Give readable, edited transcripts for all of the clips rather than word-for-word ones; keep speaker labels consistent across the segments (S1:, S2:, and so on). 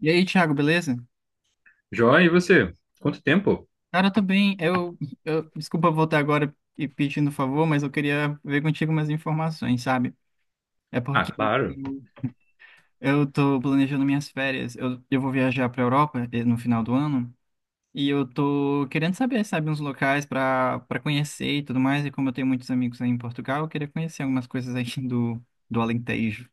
S1: E aí, Thiago, beleza?
S2: Joia, e você? Quanto tempo?
S1: Cara, eu tô bem. Desculpa voltar agora e pedindo favor, mas eu queria ver contigo umas informações, sabe? É
S2: Ah,
S1: porque
S2: claro.
S1: eu tô planejando minhas férias. Eu vou viajar pra Europa no final do ano e eu tô querendo saber, sabe, uns locais pra para conhecer e tudo mais. E como eu tenho muitos amigos aí em Portugal, eu queria conhecer algumas coisas aí do Alentejo.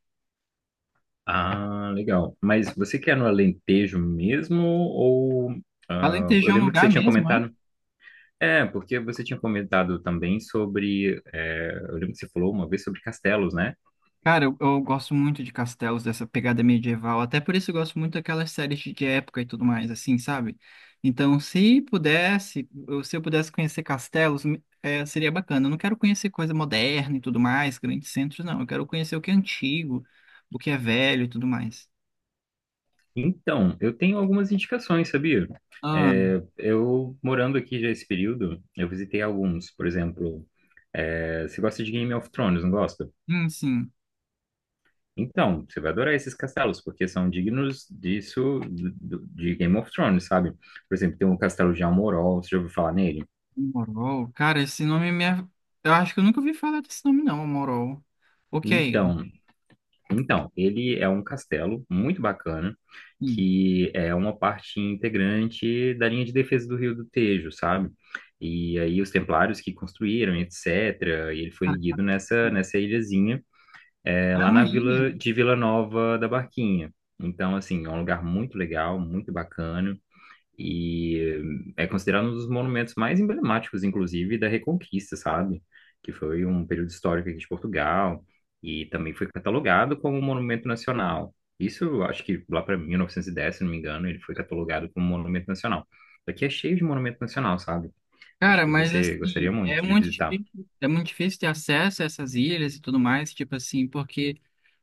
S2: Ah, legal. Mas você quer no Alentejo mesmo ou... ah, eu
S1: Alentejo é um
S2: lembro que você
S1: lugar
S2: tinha
S1: mesmo, é?
S2: comentado... É, porque você tinha comentado também sobre... eu lembro que você falou uma vez sobre castelos, né?
S1: Cara, eu gosto muito de castelos, dessa pegada medieval. Até por isso eu gosto muito daquelas séries de época e tudo mais, assim, sabe? Então, se pudesse, se eu pudesse conhecer castelos, seria bacana. Eu não quero conhecer coisa moderna e tudo mais, grandes centros, não. Eu quero conhecer o que é antigo, o que é velho e tudo mais.
S2: Então, eu tenho algumas indicações, sabia?
S1: Ah,
S2: Eu, morando aqui já esse período, eu visitei alguns. Por exemplo, você gosta de Game of Thrones, não gosta?
S1: sim, sim.
S2: Então, você vai adorar esses castelos, porque são dignos disso, de Game of Thrones, sabe? Por exemplo, tem o castelo de Almorol, você já ouviu falar nele?
S1: Morol. Cara, esse nome me... é- eu acho que eu nunca ouvi falar desse nome, não, Morol. O que é ele?
S2: Então, então, ele é um castelo muito bacana,
S1: Sim.
S2: que é uma parte integrante da linha de defesa do Rio do Tejo, sabe? E aí os templários que construíram, etc., e ele foi
S1: Cara,
S2: erguido nessa ilhazinha, é,
S1: é
S2: lá
S1: uma
S2: na
S1: ilha.
S2: vila de Vila Nova da Barquinha. Então, assim, é um lugar muito legal, muito bacana. E é considerado um dos monumentos mais emblemáticos, inclusive, da Reconquista, sabe? Que foi um período histórico aqui de Portugal e também foi catalogado como um monumento nacional. Isso, eu acho que lá para 1910, se não me engano, ele foi catalogado como monumento nacional. Aqui é cheio de monumento nacional, sabe? Acho
S1: Cara,
S2: que
S1: mas
S2: você gostaria
S1: assim,
S2: muito de visitar.
S1: é muito difícil ter acesso a essas ilhas e tudo mais, tipo assim, porque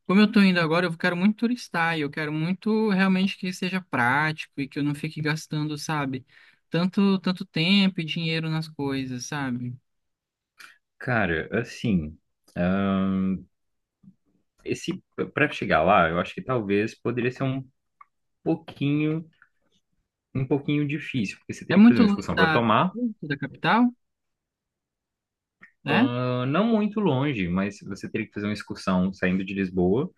S1: como eu tô indo agora, eu quero muito turistar e eu quero muito realmente que seja prático e que eu não fique gastando, sabe, tanto, tanto tempo e dinheiro nas coisas, sabe?
S2: Cara, assim, ah, esse para chegar lá, eu acho que talvez poderia ser pouquinho, um pouquinho difícil, porque você
S1: É
S2: teria que fazer
S1: muito
S2: uma
S1: longe
S2: excursão para
S1: da,
S2: Tomar.
S1: da capital, né?
S2: Ah, não muito longe, mas você teria que fazer uma excursão saindo de Lisboa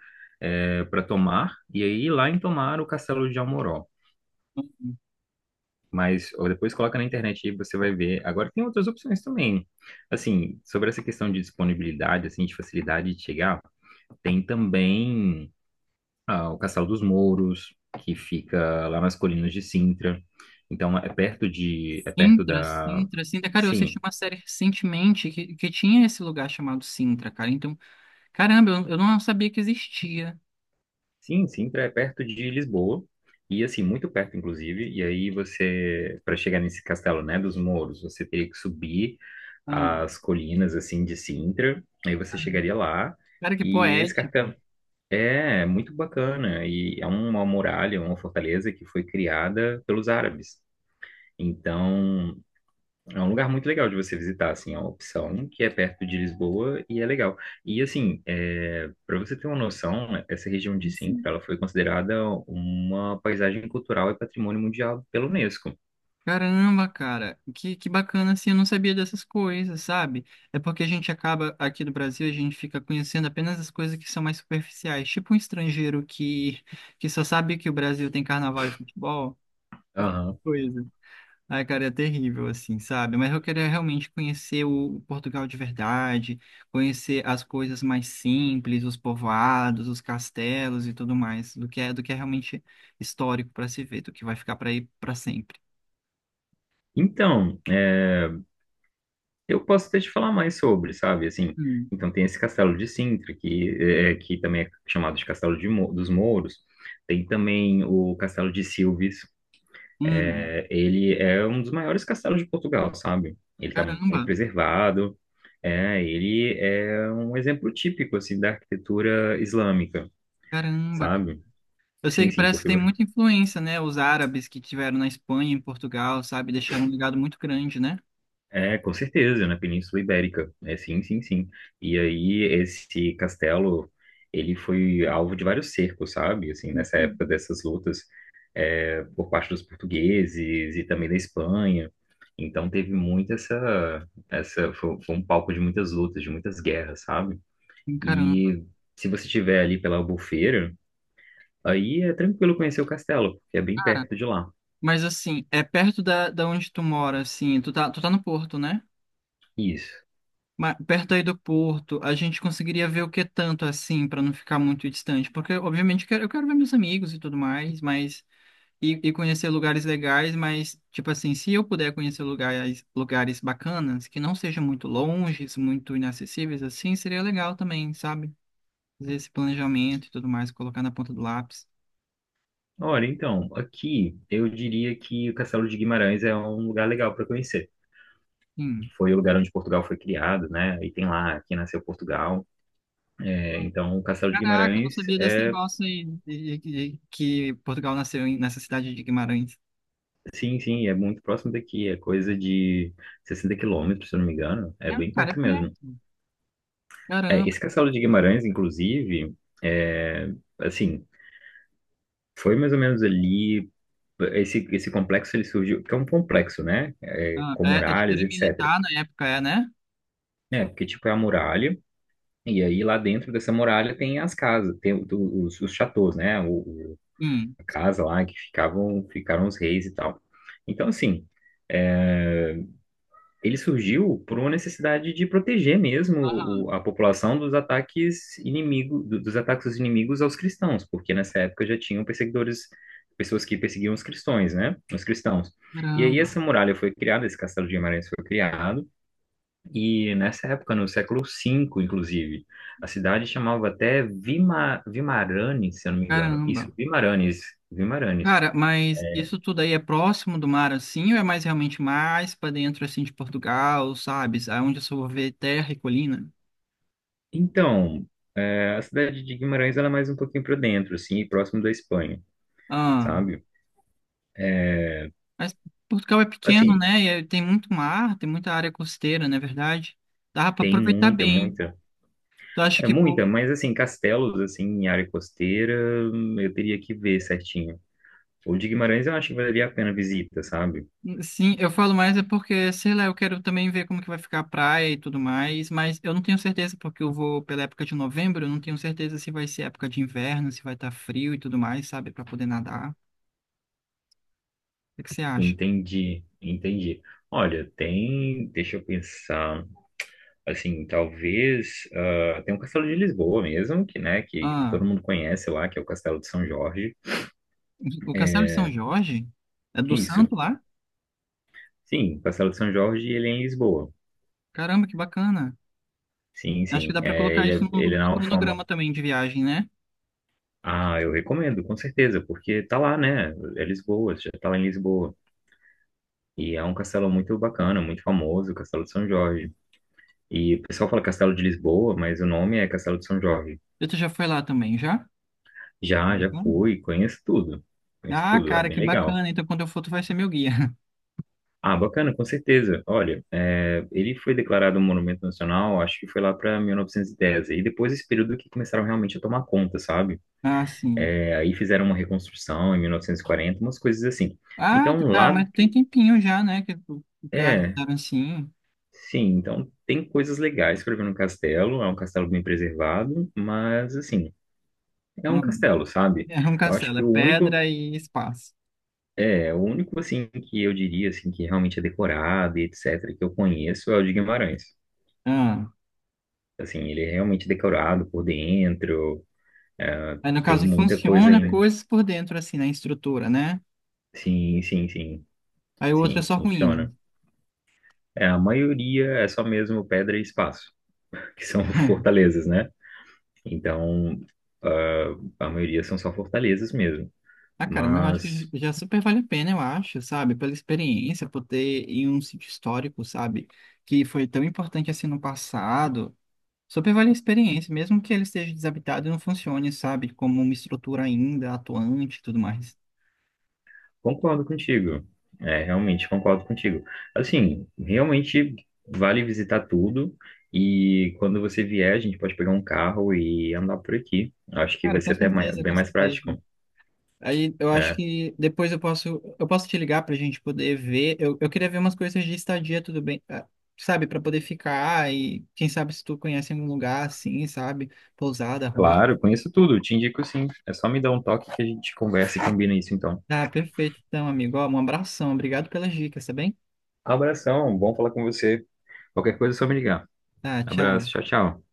S2: para Tomar, e aí lá em Tomar o Castelo de Almoró. Mas ou depois coloca na internet e você vai ver. Agora tem outras opções também. Assim, sobre essa questão de disponibilidade, assim, de facilidade de chegar, tem também ah, o Castelo dos Mouros, que fica lá nas colinas de Sintra. Então é perto de, é perto
S1: Sintra,
S2: da,
S1: Sintra, Sintra. Cara, eu assisti
S2: sim,
S1: uma série recentemente que tinha esse lugar chamado Sintra, cara. Então, caramba, eu não sabia que existia.
S2: Sim, Sintra é perto de Lisboa, e assim, muito perto, inclusive. E aí você, para chegar nesse castelo, né, dos Mouros, você teria que subir
S1: Ah,
S2: as colinas, assim, de Sintra, aí você chegaria lá,
S1: cara, que
S2: e esse
S1: poético.
S2: castelo é muito bacana, e é uma muralha, uma fortaleza que foi criada pelos árabes. Então, é um lugar muito legal de você visitar, assim, é uma opção que é perto de Lisboa e é legal. E, assim, para você ter uma noção, né, essa região de
S1: Sim.
S2: Sintra, ela foi considerada uma paisagem cultural e patrimônio mundial pela Unesco.
S1: Caramba, cara, que bacana assim, eu não sabia dessas coisas, sabe? É porque a gente acaba, aqui no Brasil, a gente fica conhecendo apenas as coisas que são mais superficiais, tipo um estrangeiro que só sabe que o Brasil tem carnaval e futebol,
S2: Aham.
S1: coisa. Ai, cara, é terrível, assim, sabe? Mas eu queria realmente conhecer o Portugal de verdade, conhecer as coisas mais simples, os povoados, os castelos e tudo mais, do que é realmente histórico para se ver, do que vai ficar para ir para sempre.
S2: Então, eu posso até te falar mais sobre, sabe, assim, então tem esse castelo de Sintra, que também é chamado de Castelo de dos Mouros, tem também o Castelo de Silves.
S1: Hum,
S2: É, ele é um dos maiores castelos de Portugal, sabe? Ele está muito
S1: caramba,
S2: preservado. É, ele é um exemplo típico assim da arquitetura islâmica,
S1: caramba, cara.
S2: sabe?
S1: Eu sei
S2: Sim,
S1: que
S2: sim,
S1: parece que
S2: porque
S1: tem muita influência, né? Os árabes que tiveram na Espanha, em Portugal, sabe? Deixaram um legado muito grande, né?
S2: é com certeza na Península Ibérica. É, sim, sim, sim. E aí esse castelo, ele foi alvo de vários cercos, sabe? Assim, nessa
S1: Enfim,
S2: época dessas lutas é, por parte dos portugueses e também da Espanha. Então teve muito essa, foi um palco de muitas lutas, de muitas guerras, sabe?
S1: caramba,
S2: E se você estiver ali pela Albufeira, aí é tranquilo conhecer o castelo, porque é bem
S1: cara.
S2: perto de lá.
S1: Mas assim, é perto da onde tu mora, assim, tu tá no Porto, né?
S2: Isso.
S1: Mas perto aí do Porto, a gente conseguiria ver o que tanto, assim, pra não ficar muito distante. Porque, obviamente, eu quero ver meus amigos e tudo mais, mas e conhecer lugares legais, mas, tipo assim, se eu puder conhecer lugares, lugares bacanas, que não sejam muito longes, muito inacessíveis, assim, seria legal também, sabe? Fazer esse planejamento e tudo mais, colocar na ponta do lápis.
S2: Olha, então, aqui eu diria que o Castelo de Guimarães é um lugar legal para conhecer.
S1: Sim.
S2: Foi o lugar onde Portugal foi criado, né? E tem lá, aqui nasceu Portugal. É, então, o Castelo de
S1: Caraca, eu não
S2: Guimarães
S1: sabia desse
S2: é
S1: negócio aí, que Portugal nasceu nessa cidade de Guimarães.
S2: sim, sim, é muito próximo daqui, é coisa de 60 km, se eu não me engano, é
S1: Não,
S2: bem
S1: cara, é
S2: perto mesmo.
S1: perto.
S2: É,
S1: Caramba.
S2: esse Castelo de Guimarães, inclusive, é, assim, foi mais ou menos ali, esse complexo ele surgiu, que é um complexo, né, é,
S1: Ah,
S2: com
S1: tipo,
S2: muralhas,
S1: era
S2: etc.
S1: militar na época, é, né?
S2: É, porque tipo é a muralha, e aí lá dentro dessa muralha tem as casas, tem os chateaus, né, o-
S1: Sim.
S2: a casa lá que ficaram os reis e tal. Então, assim... é, ele surgiu por uma necessidade de proteger mesmo
S1: Ah,
S2: a população dos ataques inimigo, dos ataques dos inimigos aos cristãos, porque nessa época já tinham perseguidores, pessoas que perseguiam os cristãos, né? Os cristãos. E aí
S1: caramba,
S2: essa muralha foi criada, esse castelo de Guimarães foi criado, e nessa época, no século V, inclusive, a cidade chamava até Vimaranes, se eu não me engano.
S1: caramba.
S2: Isso, Vimaranes, Vimaranes.
S1: Cara, mas isso tudo aí é próximo do mar assim, ou é mais realmente mais pra dentro assim de Portugal, sabe? Aonde eu só vou ver terra e colina?
S2: Então, é, a cidade de Guimarães ela é mais um pouquinho para dentro, assim, próximo da Espanha.
S1: Ah,
S2: Sabe?
S1: mas Portugal é pequeno,
S2: Assim,
S1: né? E aí tem muito mar, tem muita área costeira, não é verdade? Dá pra
S2: tem
S1: aproveitar
S2: muita,
S1: bem.
S2: muita.
S1: Tu acha
S2: É
S1: que por...
S2: muita, mas assim, castelos, assim, em área costeira, eu teria que ver certinho. O de Guimarães eu acho que valeria a pena a visita, sabe?
S1: Sim, eu falo mais é porque, sei lá, eu quero também ver como que vai ficar a praia e tudo mais, mas eu não tenho certeza porque eu vou pela época de novembro, eu não tenho certeza se vai ser época de inverno, se vai estar frio e tudo mais, sabe, pra poder nadar. O que que você acha?
S2: Entendi, entendi. Olha, tem, deixa eu pensar, assim, talvez, ah, tem um castelo de Lisboa mesmo, que, né, que todo
S1: Ah,
S2: mundo conhece lá, que é o Castelo de São Jorge.
S1: o Castelo de São Jorge? É do
S2: Isso,
S1: Santo lá?
S2: sim, o Castelo de São Jorge, ele é em Lisboa.
S1: Caramba, que bacana.
S2: Sim,
S1: Acho que
S2: sim,
S1: dá pra
S2: é,
S1: colocar isso no,
S2: ele
S1: no
S2: é na
S1: meu cronograma
S2: Alfama.
S1: também de viagem, né?
S2: Ah, eu recomendo, com certeza, porque tá lá, né? É Lisboa, já tá lá em Lisboa. E é um castelo muito bacana, muito famoso, o Castelo de São Jorge. E o pessoal fala Castelo de Lisboa, mas o nome é Castelo de São Jorge.
S1: E tu já foi lá também, já?
S2: Já, já
S1: Bacana.
S2: fui, conheço tudo. Conheço
S1: Ah,
S2: tudo, é
S1: cara,
S2: bem
S1: que
S2: legal.
S1: bacana. Então, quando eu for, tu vai ser meu guia.
S2: Ah, bacana, com certeza. Olha, é, ele foi declarado um monumento nacional, acho que foi lá para 1910. E dez. E depois esse período que começaram realmente a tomar conta, sabe?
S1: Ah, sim.
S2: É, aí fizeram uma reconstrução em 1940, umas coisas assim.
S1: Ah, tu-
S2: Então
S1: cara,
S2: lá,
S1: mas tem tempinho já, né? Que o
S2: é,
S1: castelo, assim...
S2: sim, então tem coisas legais para ver no castelo. É um castelo bem preservado, mas assim, é um
S1: ah,
S2: castelo, sabe?
S1: é um
S2: Eu acho
S1: castelo,
S2: que
S1: é
S2: o único,
S1: pedra e espaço.
S2: é o único assim que eu diria assim que realmente é decorado e etc, que eu conheço é o de Guimarães.
S1: Ah.
S2: Assim, ele é realmente decorado por dentro, é,
S1: Aí, no
S2: tem
S1: caso,
S2: muita coisa
S1: funciona
S2: aí, né?
S1: coisas por dentro, assim, na estrutura, né?
S2: Sim, sim, sim,
S1: Aí o outro é
S2: sim,
S1: só ruína.
S2: funciona. É, a maioria é só mesmo pedra e espaço, que são fortalezas, né? Então, ah, a maioria são só fortalezas mesmo.
S1: Ah, cara, mas eu acho
S2: Mas
S1: que já super vale a pena, eu acho, sabe? Pela experiência, por ter em um sítio histórico, sabe? Que foi tão importante assim no passado. Super vale a experiência, mesmo que ele esteja desabitado e não funcione, sabe? Como uma estrutura ainda atuante e tudo mais.
S2: concordo contigo. É, realmente concordo contigo. Assim, realmente vale visitar tudo. E quando você vier, a gente pode pegar um carro e andar por aqui. Acho que
S1: Cara,
S2: vai
S1: com
S2: ser até
S1: certeza,
S2: bem
S1: com
S2: mais
S1: certeza.
S2: prático.
S1: Aí eu acho
S2: É,
S1: que depois eu posso te ligar pra gente poder ver. Eu queria ver umas coisas de estadia, tudo bem, ah, sabe? Pra poder ficar e quem sabe se tu conhece algum lugar assim, sabe? Pousada, rosto.
S2: claro, conheço tudo. Te indico sim. É só me dar um toque que a gente conversa e combina isso então.
S1: Ah, perfeito então, amigo. Ó, um abração. Obrigado pelas dicas, tá bem?
S2: Abração, bom falar com você. Qualquer coisa é só me ligar.
S1: Tá,
S2: Abraço,
S1: tchau.
S2: tchau, tchau.